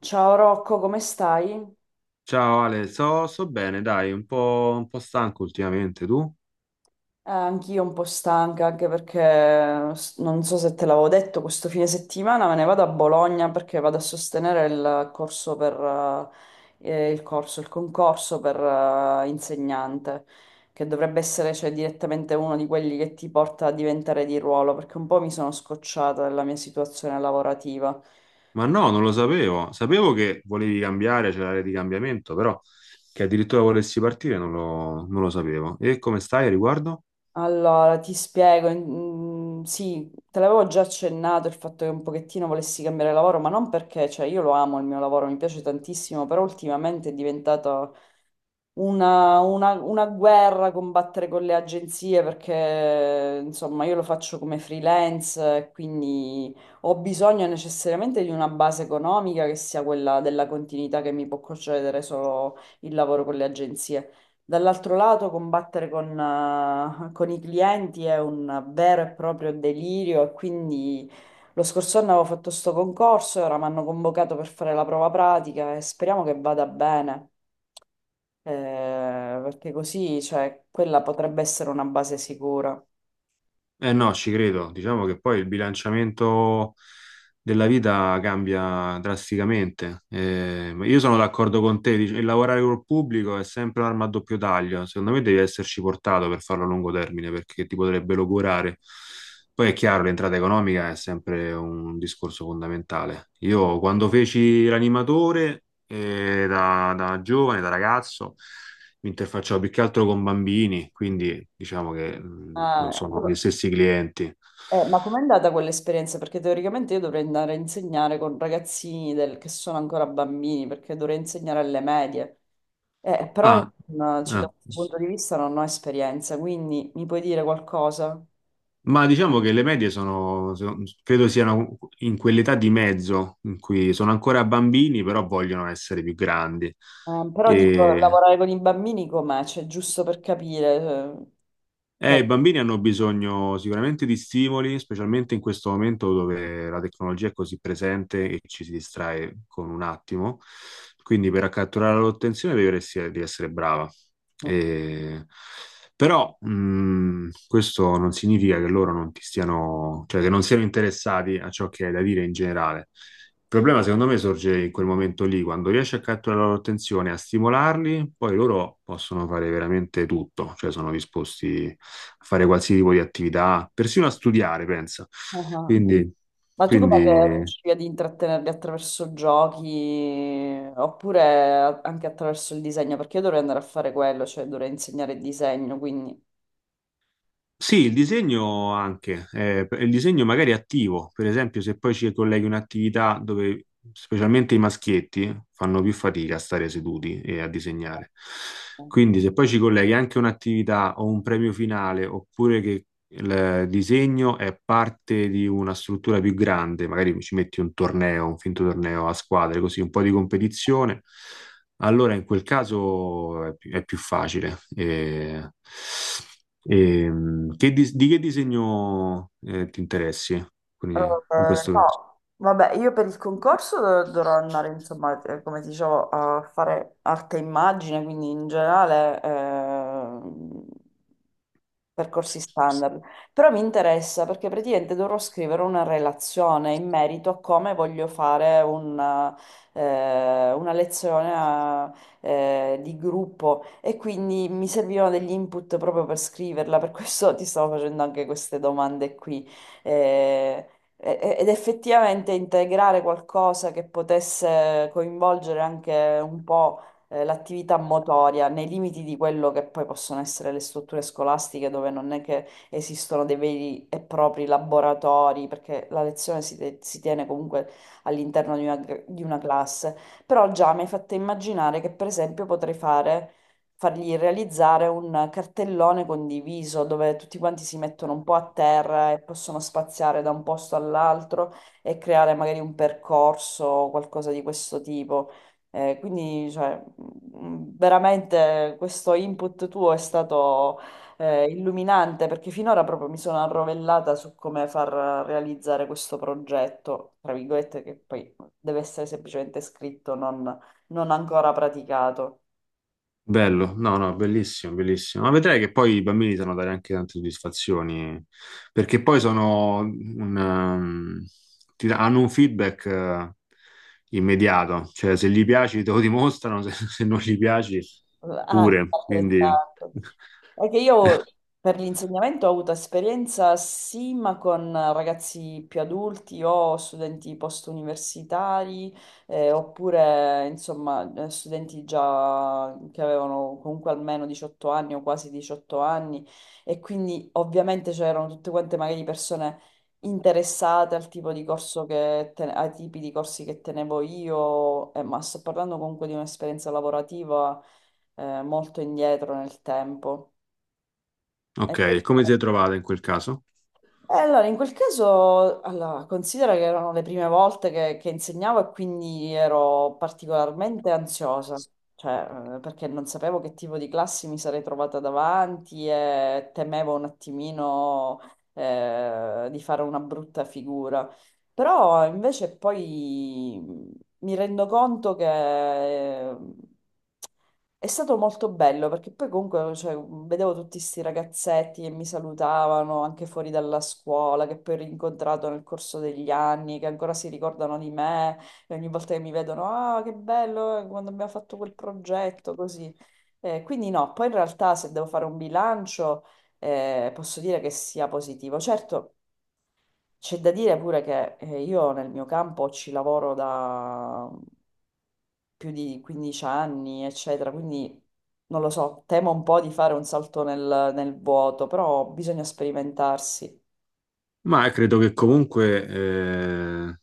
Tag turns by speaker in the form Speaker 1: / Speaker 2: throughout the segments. Speaker 1: Ciao Rocco, come stai?
Speaker 2: Ciao Ale, so bene, dai, un po' stanco ultimamente, tu?
Speaker 1: Anch'io un po' stanca, anche perché non so se te l'avevo detto, questo fine settimana me ne vado a Bologna perché vado a sostenere il corso per, il concorso per, insegnante, che dovrebbe essere, cioè, direttamente uno di quelli che ti porta a diventare di ruolo, perché un po' mi sono scocciata della mia situazione lavorativa.
Speaker 2: Ma no, non lo sapevo. Sapevo che volevi cambiare, c'era l'area di cambiamento, però che addirittura volessi partire non lo sapevo. E come stai a riguardo?
Speaker 1: Allora, ti spiego, sì, te l'avevo già accennato il fatto che un pochettino volessi cambiare lavoro, ma non perché, cioè io lo amo il mio lavoro, mi piace tantissimo, però ultimamente è diventato una guerra, combattere con le agenzie perché insomma io lo faccio come freelance, quindi ho bisogno necessariamente di una base economica che sia quella della continuità che mi può concedere solo il lavoro con le agenzie. Dall'altro lato, combattere con i clienti è un vero e proprio delirio e quindi lo scorso anno avevo fatto sto concorso e ora mi hanno convocato per fare la prova pratica e speriamo che vada bene, perché così, cioè, quella potrebbe essere una base sicura.
Speaker 2: Eh no, ci credo. Diciamo che poi il bilanciamento della vita cambia drasticamente. Ma io sono d'accordo con te, il lavorare col pubblico è sempre un'arma a doppio taglio. Secondo me devi esserci portato per farlo a lungo termine perché ti potrebbe logorare. Poi è chiaro, l'entrata economica è sempre un discorso fondamentale. Io quando feci l'animatore, da giovane, da ragazzo, mi interfacciavo più che altro con bambini, quindi diciamo che non
Speaker 1: Ah,
Speaker 2: sono gli
Speaker 1: ecco.
Speaker 2: stessi clienti.
Speaker 1: Ma com'è andata quell'esperienza? Perché teoricamente io dovrei andare a insegnare con che sono ancora bambini, perché dovrei insegnare alle medie. Però
Speaker 2: Ah,
Speaker 1: cioè, da
Speaker 2: ah.
Speaker 1: questo punto di vista non ho esperienza, quindi mi puoi dire qualcosa?
Speaker 2: Ma diciamo che le medie sono, credo siano in quell'età di mezzo in cui sono ancora bambini, però vogliono essere più grandi.
Speaker 1: Però dico,
Speaker 2: E
Speaker 1: lavorare con i bambini com'è? Cioè, giusto per capire. Cap-
Speaker 2: I bambini hanno bisogno sicuramente di stimoli, specialmente in questo momento dove la tecnologia è così presente e ci si distrae con un attimo. Quindi per catturare l'attenzione devi essere brava.
Speaker 1: Mm.
Speaker 2: E- Però questo non significa che loro non ti stiano, cioè che non siano interessati a ciò che hai da dire in generale. Il problema, secondo me, sorge in quel momento lì, quando riesci a catturare la loro attenzione, a stimolarli, poi loro possono fare veramente tutto, cioè sono disposti a fare qualsiasi tipo di attività, persino a studiare, pensa.
Speaker 1: Ah ah.
Speaker 2: Quindi,
Speaker 1: Ma tu come che
Speaker 2: quindi,
Speaker 1: riuscivi ad intrattenerli attraverso giochi oppure anche attraverso il disegno? Perché io dovrei andare a fare quello, cioè dovrei insegnare il disegno, quindi...
Speaker 2: sì, il disegno anche, il disegno magari attivo, per esempio se poi ci colleghi un'attività dove specialmente i maschietti fanno più fatica a stare seduti e a disegnare. Quindi se poi ci colleghi anche un'attività o un premio finale, oppure che il disegno è parte di una struttura più grande, magari ci metti un torneo, un finto torneo a squadre, così un po' di competizione, allora in quel caso è più facile. Che di che disegno ti interessi? Quindi, in questo caso.
Speaker 1: No, vabbè, io per il concorso dovrò andare, insomma, come ti dicevo, a fare arte e immagine, quindi in generale percorsi standard. Però mi interessa perché praticamente dovrò scrivere una relazione in merito a come voglio fare una di gruppo e quindi mi servivano degli input proprio per scriverla, per questo ti stavo facendo anche queste domande qui. Eh, Ed effettivamente integrare qualcosa che potesse coinvolgere anche un po' l'attività motoria nei limiti di quello che poi possono essere le strutture scolastiche dove non è che esistono dei veri e propri laboratori, perché la si tiene comunque all'interno di una, di una classe. Però già mi hai fatto immaginare che per esempio potrei fare fargli realizzare un cartellone condiviso dove tutti quanti si mettono un po' a terra e possono spaziare da un posto all'altro e creare magari un percorso o qualcosa di questo tipo. Veramente questo input tuo è stato illuminante perché finora proprio mi sono arrovellata su come far realizzare questo progetto, tra virgolette, che poi deve essere semplicemente scritto, non ancora praticato.
Speaker 2: Bello, no, no, bellissimo, bellissimo. Ma vedrai che poi i bambini sanno dare anche tante soddisfazioni, perché poi sono un, hanno un feedback immediato, cioè se gli piaci te lo dimostrano, se, se non gli piaci
Speaker 1: Ah,
Speaker 2: pure. Quindi,
Speaker 1: altrettanto. È che io per l'insegnamento ho avuto esperienza sì, ma con ragazzi più adulti o studenti post-universitari, oppure insomma studenti già che avevano comunque almeno 18 anni o quasi 18 anni e quindi ovviamente c'erano tutte quante magari persone interessate al tipo di ai tipi di corsi che tenevo io, ma sto parlando comunque di un'esperienza lavorativa molto indietro nel tempo. E
Speaker 2: ok, come ti sei trovata in quel caso?
Speaker 1: e allora, in quel caso, allora, considera che erano le prime volte che insegnavo e quindi ero particolarmente ansiosa, cioè, perché non sapevo che tipo di classi mi sarei trovata davanti e temevo un attimino, di fare una brutta figura. Però invece poi, mi rendo conto che è stato molto bello perché poi comunque cioè, vedevo tutti questi ragazzetti che mi salutavano anche fuori dalla scuola, che poi ho rincontrato nel corso degli anni, che ancora si ricordano di me e ogni volta che mi vedono, ah, che bello quando abbiamo fatto quel progetto, così. Quindi no, poi in realtà se devo fare un bilancio posso dire che sia positivo. Certo. C'è da dire pure che io nel mio campo ci lavoro da più di 15 anni, eccetera, quindi non lo so, temo un po' di fare un salto nel vuoto, però bisogna sperimentarsi.
Speaker 2: Ma credo che comunque,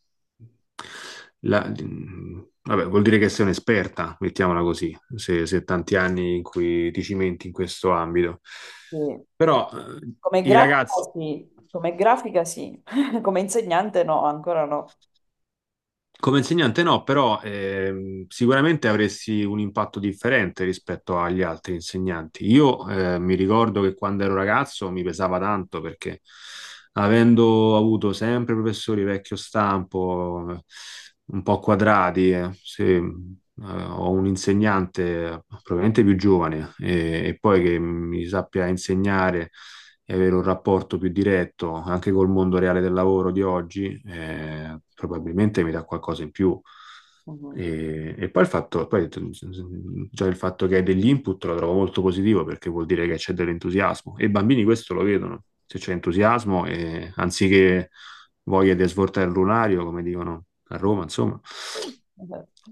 Speaker 2: vabbè, vuol dire che sei un'esperta, mettiamola così, se, se tanti anni in cui ti cimenti in questo ambito.
Speaker 1: Sì.
Speaker 2: Però
Speaker 1: Come
Speaker 2: i
Speaker 1: grafica
Speaker 2: ragazzi
Speaker 1: sì, come grafica sì, come insegnante no, ancora no.
Speaker 2: come insegnante no, però sicuramente avresti un impatto differente rispetto agli altri insegnanti. Io mi ricordo che quando ero ragazzo mi pesava tanto perché avendo avuto sempre professori vecchio stampo, un po' quadrati, se, ho un insegnante probabilmente più giovane e poi che mi sappia insegnare e avere un rapporto più diretto anche col mondo reale del lavoro di oggi, probabilmente mi dà qualcosa in più.
Speaker 1: Mhm.
Speaker 2: E poi il fatto, poi già il fatto che hai degli input lo trovo molto positivo perché vuol dire che c'è dell'entusiasmo e i bambini questo lo vedono, se c'è entusiasmo e anziché voglia di svoltare il lunario, come dicono a Roma, insomma,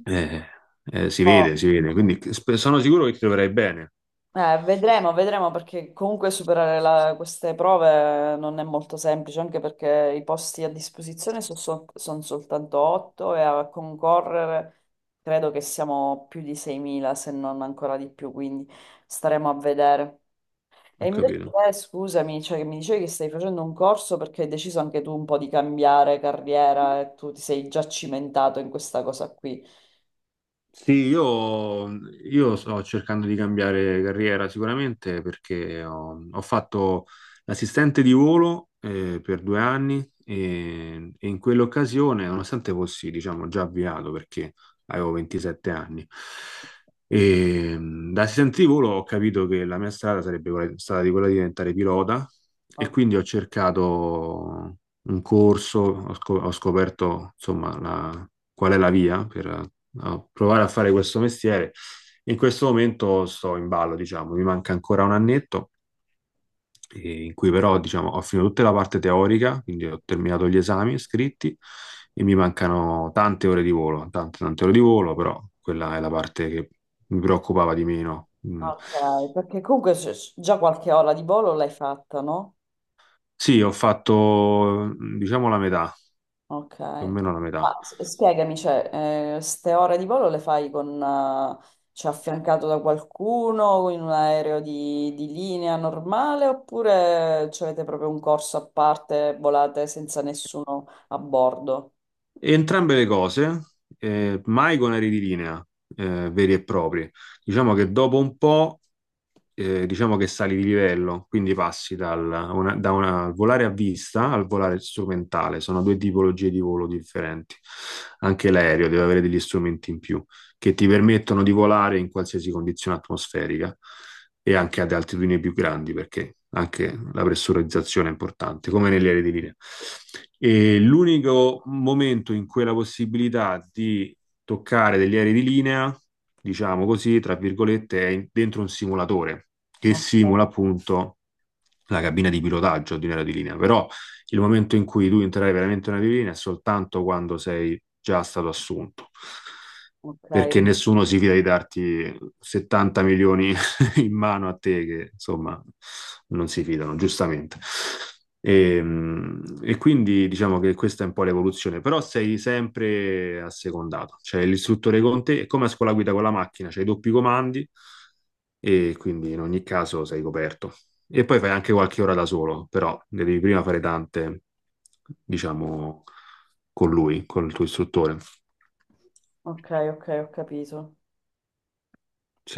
Speaker 2: eh,
Speaker 1: Oh,
Speaker 2: si vede, quindi sono sicuro che ti troverai bene,
Speaker 1: Vedremo, vedremo perché comunque superare queste prove non è molto semplice, anche perché i posti a disposizione sono soltanto 8 e a concorrere credo che siamo più di 6.000, se non ancora di più, quindi staremo a vedere. E
Speaker 2: ho
Speaker 1: invece
Speaker 2: capito.
Speaker 1: te, scusami, cioè, che mi dicevi che stai facendo un corso perché hai deciso anche tu un po' di cambiare carriera e tu ti sei già cimentato in questa cosa qui.
Speaker 2: Sì, io sto cercando di cambiare carriera sicuramente perché ho, ho fatto l'assistente di volo per 2 anni e in quell'occasione, nonostante fossi, diciamo, già avviato perché avevo 27 anni, e, da assistente di volo ho capito che la mia strada sarebbe stata di quella di diventare pilota e
Speaker 1: Oh,
Speaker 2: quindi ho cercato un corso, ho, ho scoperto insomma qual è la via per a provare a fare questo mestiere. In questo momento sto in ballo, diciamo, mi manca ancora un annetto, in cui però, diciamo, ho finito tutta la parte teorica, quindi ho terminato gli esami scritti e mi mancano tante ore di volo, tante ore di volo, però quella è la parte che mi preoccupava di meno. Mm.
Speaker 1: ok, perché comunque già qualche ora di volo l'hai fatta, no?
Speaker 2: Sì, ho fatto, diciamo, la metà,
Speaker 1: Ok.
Speaker 2: più o meno la metà.
Speaker 1: Ma spiegami, cioè, ste ore di volo le fai con, cioè, affiancato da qualcuno in un aereo di linea normale oppure cioè, avete proprio un corso a parte, volate senza nessuno a bordo?
Speaker 2: Entrambe le cose, mai con aerei di linea veri e propri. Diciamo che dopo un po', diciamo che sali di livello, quindi passi da una volare a vista al volare strumentale. Sono due tipologie di volo differenti. Anche l'aereo deve avere degli strumenti in più che ti permettono di volare in qualsiasi condizione atmosferica e anche ad altitudini più grandi, perché anche la pressurizzazione è importante, come negli aerei di linea. E l'unico momento in cui la possibilità di toccare degli aerei di linea, diciamo così, tra virgolette, dentro un simulatore che
Speaker 1: Ok,
Speaker 2: simula appunto la cabina di pilotaggio di un aereo di linea. Però il momento in cui tu entrerai veramente in un aereo di linea è soltanto quando sei già stato assunto.
Speaker 1: ok,
Speaker 2: Perché nessuno si fida di darti 70 milioni in mano a te che insomma non si fidano, giustamente. E, e quindi diciamo che questa è un po' l'evoluzione, però sei sempre assecondato, cioè l'istruttore con te è come a scuola guida con la macchina, c'hai i doppi comandi e quindi in ogni caso sei coperto. E poi fai anche qualche ora da solo, però ne devi prima fare tante, diciamo, con lui, con il tuo istruttore.
Speaker 1: ok, ho capito.